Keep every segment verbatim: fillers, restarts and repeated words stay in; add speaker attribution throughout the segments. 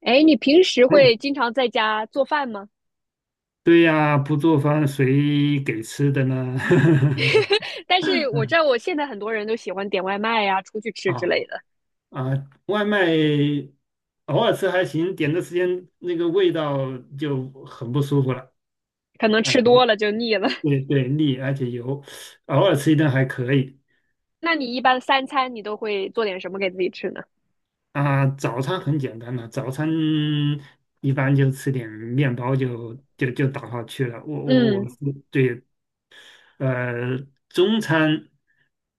Speaker 1: 哎，你平时
Speaker 2: 嗯，
Speaker 1: 会经常在家做饭吗？
Speaker 2: 对呀，不做饭谁给吃的呢？
Speaker 1: 但是我知道我 现在很多人都喜欢点外卖呀、出去吃之类
Speaker 2: 啊
Speaker 1: 的，
Speaker 2: 啊，外卖偶尔吃还行，点的时间那个味道就很不舒服了。
Speaker 1: 可能
Speaker 2: 啊，
Speaker 1: 吃多了就腻了。
Speaker 2: 对对，腻而且油，偶尔吃一顿还可以。
Speaker 1: 那你一般三餐你都会做点什么给自己吃呢？
Speaker 2: 啊，早餐很简单了，早餐一般就吃点面包就就就打发去了。我我
Speaker 1: 嗯。
Speaker 2: 我是对。呃，中餐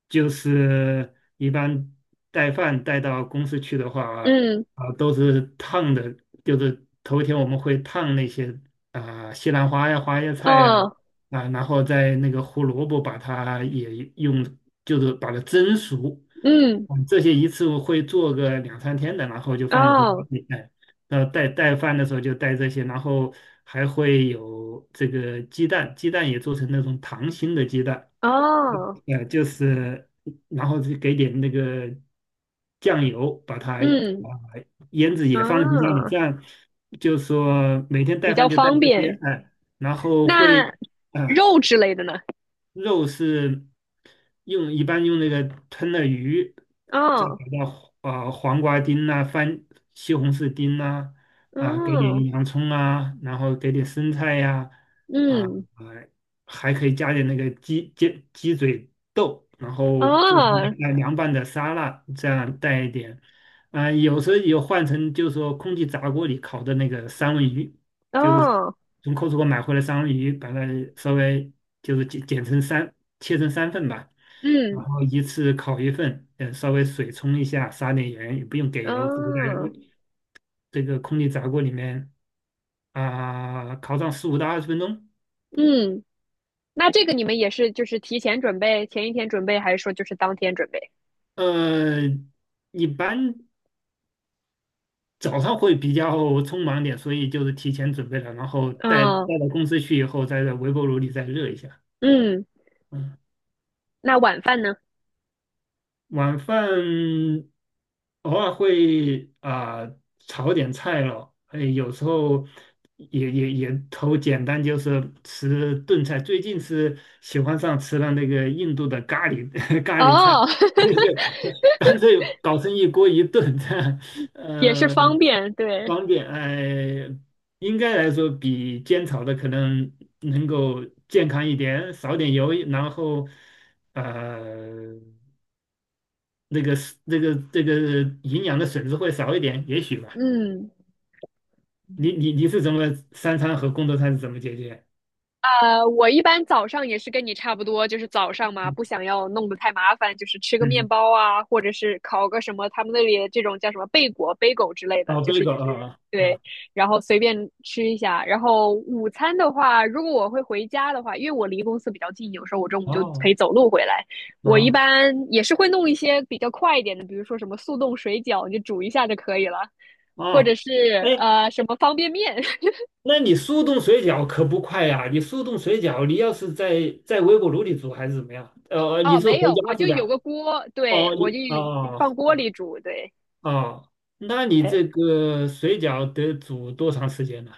Speaker 2: 就是一般带饭带到公司去的话，
Speaker 1: 嗯。
Speaker 2: 啊、都是烫的，就是头一天我们会烫那些啊、西兰花呀、花椰菜呀，
Speaker 1: 哦。
Speaker 2: 啊、然后在那个胡萝卜把它也用，就是把它蒸熟，
Speaker 1: 嗯。
Speaker 2: 我们这些一次会做个两三天的，然后就放在冰箱
Speaker 1: 哦。
Speaker 2: 里。哎，呃，带带饭的时候就带这些，然后还会有这个鸡蛋，鸡蛋也做成那种溏心的鸡蛋。
Speaker 1: 哦。
Speaker 2: 呃，就是然后就给点那个酱油，把它
Speaker 1: 嗯。
Speaker 2: 啊腌制也放在冰箱里，
Speaker 1: 啊，
Speaker 2: 这样就说每天
Speaker 1: 比
Speaker 2: 带
Speaker 1: 较
Speaker 2: 饭就带
Speaker 1: 方
Speaker 2: 这些。
Speaker 1: 便。
Speaker 2: 哎，然后会
Speaker 1: 那
Speaker 2: 啊、
Speaker 1: 肉之类的呢？
Speaker 2: 肉是用一般用那个吞了鱼，再给
Speaker 1: 哦。
Speaker 2: 到呃黄瓜丁呐、番西红柿丁呐，啊，给
Speaker 1: 嗯。
Speaker 2: 点洋葱啊，然后给点生菜呀、啊，
Speaker 1: 嗯。
Speaker 2: 呃还可以加点那个鸡鸡鸡嘴豆，然后做成
Speaker 1: 哦。
Speaker 2: 凉凉拌的沙拉，这样带一点。啊、有时候有换成就是说空气炸锅里烤的那个三文鱼，就是
Speaker 1: 哦。
Speaker 2: 从 Costco 买回来三文鱼，把它稍微就是剪剪成三，切成三份吧，然
Speaker 1: 嗯。
Speaker 2: 后一次烤一份。呃，稍微水冲一下，撒点盐，也不用给油，直接在
Speaker 1: 哦。
Speaker 2: 微这个空气炸锅里面啊、烤上十五到二十分钟。
Speaker 1: 嗯。那这个你们也是就是提前准备，前一天准备，还是说就是当天准备？
Speaker 2: 呃，一般早上会比较匆忙点，所以就是提前准备了，然后带带
Speaker 1: 嗯。
Speaker 2: 到公司去以后，再在微波炉里再热一下。
Speaker 1: 嗯。
Speaker 2: 嗯。
Speaker 1: 那晚饭呢？
Speaker 2: 晚饭偶尔会啊、炒点菜咯。哎，有时候也也也头简单就是吃炖菜。最近是喜欢上吃了那个印度的咖喱 咖喱菜，
Speaker 1: 哦，
Speaker 2: 那就 干脆搞成一锅一炖，这样
Speaker 1: 也是
Speaker 2: 呃
Speaker 1: 方便，对，
Speaker 2: 方便。哎，应该来说比煎炒的可能能够健康一点，少点油，然后呃。那个是那个这个营养的损失会少一点，也许吧。
Speaker 1: 嗯。
Speaker 2: 你你你是怎么三餐和工作餐是怎么解决？
Speaker 1: 呃，我一般早上也是跟你差不多，就是早上嘛，
Speaker 2: 嗯。
Speaker 1: 不想要弄得太麻烦，就是吃个面
Speaker 2: 嗯。
Speaker 1: 包啊，或者是烤个什么，他们那里这种叫什么贝果、贝狗之类的，
Speaker 2: 哦，
Speaker 1: 就
Speaker 2: 这
Speaker 1: 是也
Speaker 2: 个
Speaker 1: 是
Speaker 2: 啊啊
Speaker 1: 对，
Speaker 2: 啊，
Speaker 1: 然后随便吃一下。然后午餐的话，如果我会回家的话，因为我离公司比较近，有时候我中午就可
Speaker 2: 哦，
Speaker 1: 以走路回来。我一
Speaker 2: 啊
Speaker 1: 般也是会弄一些比较快一点的，比如说什么速冻水饺，你就煮一下就可以了，或者
Speaker 2: 啊！
Speaker 1: 是
Speaker 2: 哎，
Speaker 1: 呃什么方便面。
Speaker 2: 那你速冻水饺可不快呀、你速冻水饺，你要是在在微波炉里煮还是怎么样？呃，你
Speaker 1: 哦，
Speaker 2: 是
Speaker 1: 没
Speaker 2: 回
Speaker 1: 有，我
Speaker 2: 家是
Speaker 1: 就有
Speaker 2: 吧？
Speaker 1: 个锅，对，
Speaker 2: 哦，
Speaker 1: 我就
Speaker 2: 你。哦
Speaker 1: 放锅里煮，对。
Speaker 2: 哦，那你
Speaker 1: 哎，
Speaker 2: 这个水饺得煮多长时间呢？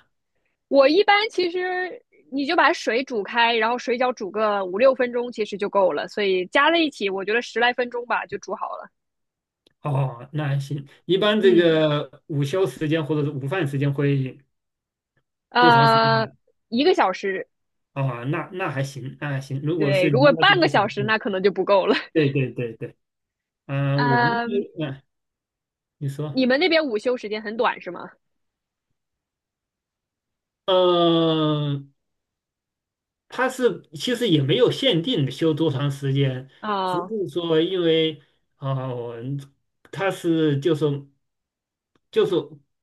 Speaker 1: 我一般其实你就把水煮开，然后水饺煮个五六分钟，其实就够了，所以加在一起，我觉得十来分钟吧就煮好了。
Speaker 2: 哦，那还行，一般这
Speaker 1: 嗯。
Speaker 2: 个午休时间或者是午饭时间会多长时间
Speaker 1: 呃，
Speaker 2: 呢？
Speaker 1: 一个小时。
Speaker 2: 哦，那那还行，那还行。如果
Speaker 1: 对，
Speaker 2: 是
Speaker 1: 如
Speaker 2: 离
Speaker 1: 果
Speaker 2: 家几
Speaker 1: 半个
Speaker 2: 个小
Speaker 1: 小时
Speaker 2: 时，
Speaker 1: 那可能就不够了。
Speaker 2: 对对对对。嗯、我们，
Speaker 1: 嗯，
Speaker 2: 嗯、呃你说。
Speaker 1: 你们那边午休时间很短是吗？
Speaker 2: 嗯。它是其实也没有限定修多长时间，只
Speaker 1: 啊。
Speaker 2: 是说因为，哦，它是就是就是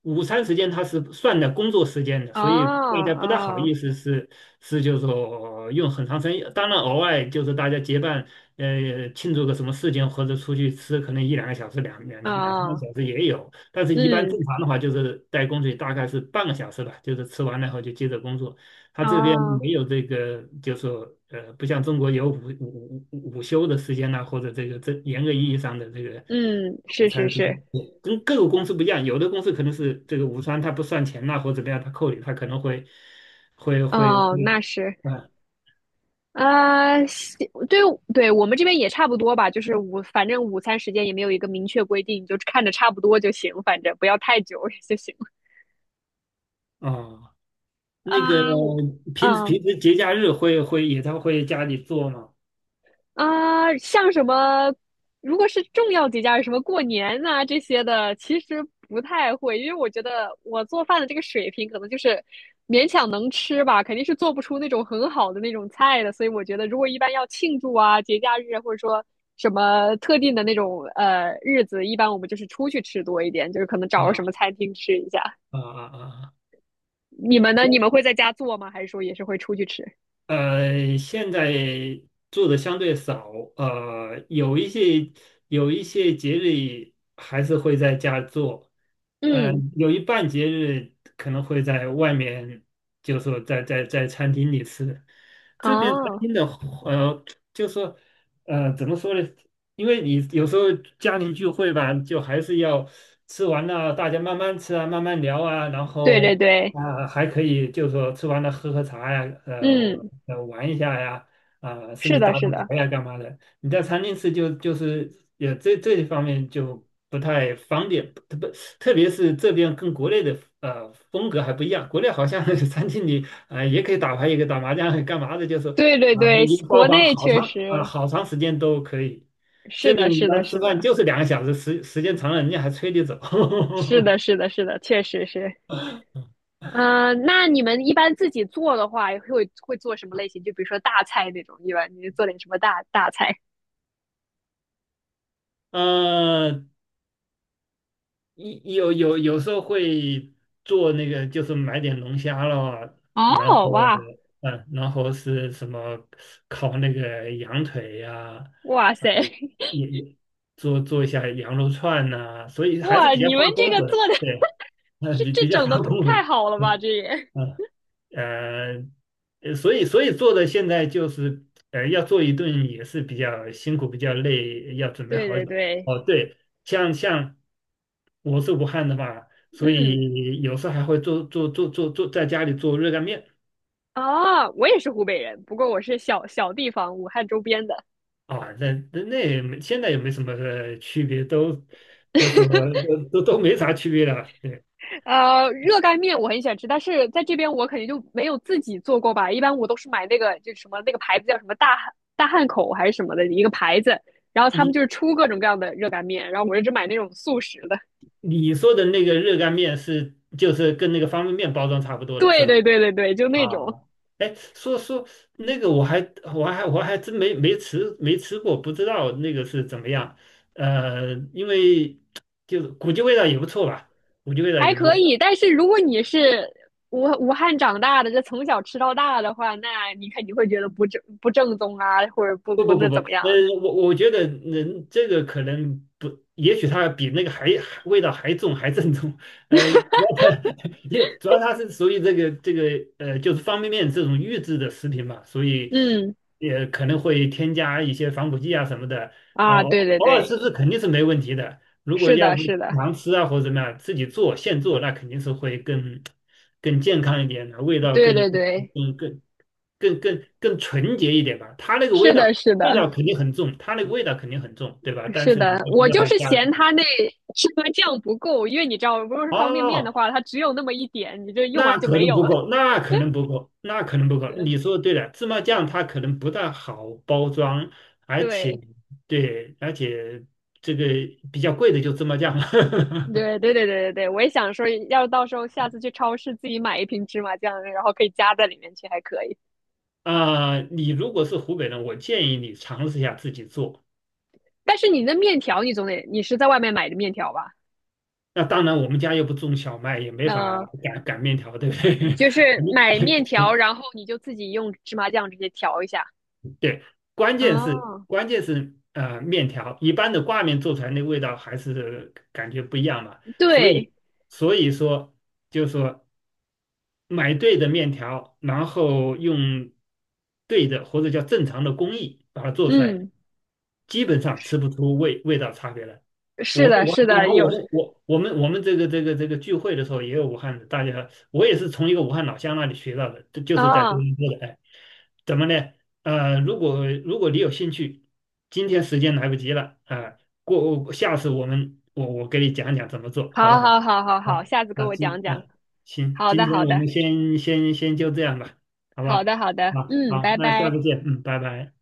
Speaker 2: 午餐时间它是算在工作时间的，
Speaker 1: 哦。
Speaker 2: 所以大家不大好意
Speaker 1: 哦。
Speaker 2: 思是是就是说用很长时间。当然，偶尔就是大家结伴呃庆祝个什么事情或者出去吃，可能一两个小时、两两两三个
Speaker 1: 哦。
Speaker 2: 小时也有。但是，一般
Speaker 1: 嗯。
Speaker 2: 正常的话就是在工作大概是半个小时吧，就是吃完了以后就接着工作。他这边
Speaker 1: 哦，
Speaker 2: 没有这个，就是说呃，不像中国有午午午午休的时间呐、或者这个这严格意义上的这个
Speaker 1: 嗯，
Speaker 2: 午
Speaker 1: 是是
Speaker 2: 餐，就是
Speaker 1: 是。
Speaker 2: 跟各个公司不一样。有的公司可能是这个午餐它不算钱呐、或者怎么样，他扣你，他可能会会会
Speaker 1: 哦，
Speaker 2: 会，
Speaker 1: 那是。
Speaker 2: 啊，
Speaker 1: 啊，西对，对，我们这边也差不多吧，就是午，反正午餐时间也没有一个明确规定，就看着差不多就行，反正不要太久 就行了。
Speaker 2: 哦，那个
Speaker 1: 啊，我。
Speaker 2: 平时
Speaker 1: 嗯。
Speaker 2: 平时节假日会会也他会家里做吗？
Speaker 1: 啊，像什么，如果是重要节假日，什么过年呐、这些的，其实不太会，因为我觉得我做饭的这个水平可能就是勉强能吃吧，肯定是做不出那种很好的那种菜的，所以我觉得如果一般要庆祝啊、节假日啊或者说什么特定的那种呃日子，一般我们就是出去吃多一点，就是可能找个什么
Speaker 2: 啊
Speaker 1: 餐厅吃一下。
Speaker 2: 啊啊啊！
Speaker 1: 你们呢？你们会在家做吗？还是说也是会出去吃？
Speaker 2: 呃，现在做的相对少。呃，有一些有一些节日还是会在家做。呃，
Speaker 1: 嗯。
Speaker 2: 有一半节日可能会在外面，就是说在在在餐厅里吃。这边餐
Speaker 1: 哦，
Speaker 2: 厅的，呃，就是说，呃，怎么说呢？因为你有时候家庭聚会吧，就还是要吃完了，大家慢慢吃啊，慢慢聊啊，然
Speaker 1: 对对
Speaker 2: 后。
Speaker 1: 对。
Speaker 2: 啊，还可以，就是说吃完了喝喝茶呀，呃，
Speaker 1: 嗯，
Speaker 2: 呃玩一下呀，啊、甚
Speaker 1: 是
Speaker 2: 至打
Speaker 1: 的，
Speaker 2: 打
Speaker 1: 是的。
Speaker 2: 牌呀干嘛的。你在餐厅吃就就是也这这一方面就不太方便，特别特别是这边跟国内的呃风格还不一样，国内好像 餐厅里啊、呃也可以打牌，也可以打麻将，干嘛的，就是
Speaker 1: 对对
Speaker 2: 啊、
Speaker 1: 对，
Speaker 2: 一个
Speaker 1: 国
Speaker 2: 包房
Speaker 1: 内
Speaker 2: 好
Speaker 1: 确
Speaker 2: 长啊、
Speaker 1: 实
Speaker 2: 好长时间都可以。
Speaker 1: 是
Speaker 2: 这
Speaker 1: 的，
Speaker 2: 边你
Speaker 1: 是
Speaker 2: 要
Speaker 1: 的，
Speaker 2: 吃
Speaker 1: 是
Speaker 2: 饭
Speaker 1: 的，
Speaker 2: 就是两个小时，时时间长了人家还催你走。
Speaker 1: 是的，是的，是的，确实是。嗯、那你们一般自己做的话，会会做什么类型？就比如说大菜那种，一般你做点什么大大菜？
Speaker 2: 嗯。有有有时候会做那个，就是买点龙虾咯，然
Speaker 1: 哦，
Speaker 2: 后
Speaker 1: 哇。
Speaker 2: 嗯，然后是什么烤那个羊腿呀、
Speaker 1: 哇塞，
Speaker 2: 嗯，也也做做一下羊肉串呐，所以还是
Speaker 1: 哇！
Speaker 2: 比较
Speaker 1: 你
Speaker 2: 怕
Speaker 1: 们这
Speaker 2: 公
Speaker 1: 个
Speaker 2: 混。
Speaker 1: 做的
Speaker 2: 对。嗯，
Speaker 1: 这
Speaker 2: 比
Speaker 1: 这
Speaker 2: 比较
Speaker 1: 整
Speaker 2: 怕
Speaker 1: 的
Speaker 2: 公
Speaker 1: 太
Speaker 2: 混。
Speaker 1: 好了
Speaker 2: 对。
Speaker 1: 吧？这也
Speaker 2: 嗯。呃，呃所以所以做的现在就是，呃，要做一顿也是比较辛苦，比较累，要准备
Speaker 1: 对
Speaker 2: 好
Speaker 1: 对
Speaker 2: 久。
Speaker 1: 对。
Speaker 2: 哦，对。像像我是武汉的嘛，所
Speaker 1: 嗯。
Speaker 2: 以有时候还会做做做做做在家里做热干面。
Speaker 1: 哦，我也是湖北人，不过我是小小地方，武汉周边的。
Speaker 2: 啊，那那那也没，现在也没什么呃区别，都就说，呃都都没啥区别了。对。
Speaker 1: 呃，热干面我很喜欢吃，但是在这边我肯定就没有自己做过吧。一般我都是买那个就什么那个牌子叫什么大汉大汉口还是什么的一个牌子，然后他们
Speaker 2: 你
Speaker 1: 就是出各种各样的热干面，然后我就只买那种速食的。
Speaker 2: 你说的那个热干面是就是跟那个方便面包装差不 多的
Speaker 1: 对
Speaker 2: 是吧？
Speaker 1: 对对对对，就那种
Speaker 2: 啊，哎，说说那个我还我还我还真没没吃没吃过，不知道那个是怎么样。呃，因为 就是估计味道也不错吧，估计味道
Speaker 1: 还
Speaker 2: 也不错。
Speaker 1: 可以。但是如果你是武武汉长大的，这从小吃到大的话，那你肯定会觉得不正不正宗啊，或者不
Speaker 2: 不
Speaker 1: 不
Speaker 2: 不
Speaker 1: 那
Speaker 2: 不不，
Speaker 1: 怎么样？
Speaker 2: 嗯，我我觉得人这个可能不，也许它比那个还还味道还重还正宗。呃，主要它 也主要它是属于这个这个呃，就是方便面这种预制的食品嘛，所以
Speaker 1: 嗯。
Speaker 2: 也可能会添加一些防腐剂啊什么的。啊、
Speaker 1: 啊，对
Speaker 2: 偶
Speaker 1: 对
Speaker 2: 偶尔
Speaker 1: 对，
Speaker 2: 吃吃肯定是没问题的，如果
Speaker 1: 是
Speaker 2: 要
Speaker 1: 的，
Speaker 2: 是
Speaker 1: 是的。
Speaker 2: 经常吃啊或者怎么样，自己做现做，那肯定是会更更健康一点的，味道
Speaker 1: 对
Speaker 2: 更
Speaker 1: 对对，
Speaker 2: 更更更更更纯洁一点吧。它那个味
Speaker 1: 是的，
Speaker 2: 道
Speaker 1: 是
Speaker 2: 味道
Speaker 1: 的。
Speaker 2: 肯定很重，它那个味道肯定很重，对吧？但
Speaker 1: 是
Speaker 2: 是你就不
Speaker 1: 的，
Speaker 2: 知
Speaker 1: 我
Speaker 2: 道
Speaker 1: 就
Speaker 2: 它
Speaker 1: 是
Speaker 2: 加了。
Speaker 1: 嫌它那芝麻酱不够，因为你知道，如果是方便面的
Speaker 2: 哦，
Speaker 1: 话，它只有那么一点，你就用
Speaker 2: 那
Speaker 1: 完就
Speaker 2: 可
Speaker 1: 没
Speaker 2: 能
Speaker 1: 有
Speaker 2: 不
Speaker 1: 了。
Speaker 2: 够，那可能不够，那可能不 够。
Speaker 1: 是。
Speaker 2: 你说对了，芝麻酱它可能不大好包装，而且，
Speaker 1: 对，
Speaker 2: 对，而且这个比较贵的就芝麻酱了。
Speaker 1: 对，对，对，对，对，对，我也想说，要是到时候下次去超市自己买一瓶芝麻酱，然后可以加在里面去，还可以。
Speaker 2: 啊、你如果是湖北人，我建议你尝试一下自己做。
Speaker 1: 但是你那面条，你总得，你是在外面买的面条吧？
Speaker 2: 那当然，我们家又不种小麦，也没法
Speaker 1: 那、
Speaker 2: 擀擀面条，对不对？
Speaker 1: 就 是
Speaker 2: 你
Speaker 1: 买面条，然后你就自己用芝麻酱直接调一下。
Speaker 2: 对，关键是
Speaker 1: 哦，
Speaker 2: 关键是呃，面条一般的挂面做出来那味道还是感觉不一样嘛。所
Speaker 1: 对，
Speaker 2: 以所以说，就是说买对的面条，然后用对的或者叫正常的工艺把它做出来，
Speaker 1: 嗯，
Speaker 2: 基本上吃不出味味道差别来。
Speaker 1: 是
Speaker 2: 我是
Speaker 1: 的，
Speaker 2: 武汉，
Speaker 1: 是
Speaker 2: 然
Speaker 1: 的，
Speaker 2: 后我
Speaker 1: 有
Speaker 2: 们我我们我们这个这个这个聚会的时候也有武汉的，大家我也是从一个武汉老乡那里学到的，就就是在多
Speaker 1: 啊。
Speaker 2: 伦多的。哎，怎么呢？呃，如果如果你有兴趣，今天时间来不及了啊，过下次我们我我给你讲讲怎么做，好不
Speaker 1: 好好
Speaker 2: 好？
Speaker 1: 好好好，
Speaker 2: 啊，
Speaker 1: 下次给
Speaker 2: 那
Speaker 1: 我讲
Speaker 2: 今啊
Speaker 1: 讲。
Speaker 2: 行，
Speaker 1: 好
Speaker 2: 今
Speaker 1: 的，
Speaker 2: 天
Speaker 1: 好
Speaker 2: 我
Speaker 1: 的，
Speaker 2: 们先先先就这样吧，好
Speaker 1: 好
Speaker 2: 吧？
Speaker 1: 的，好的，
Speaker 2: 啊
Speaker 1: 嗯，
Speaker 2: 好，
Speaker 1: 拜
Speaker 2: 那下
Speaker 1: 拜。
Speaker 2: 次见，嗯，拜拜。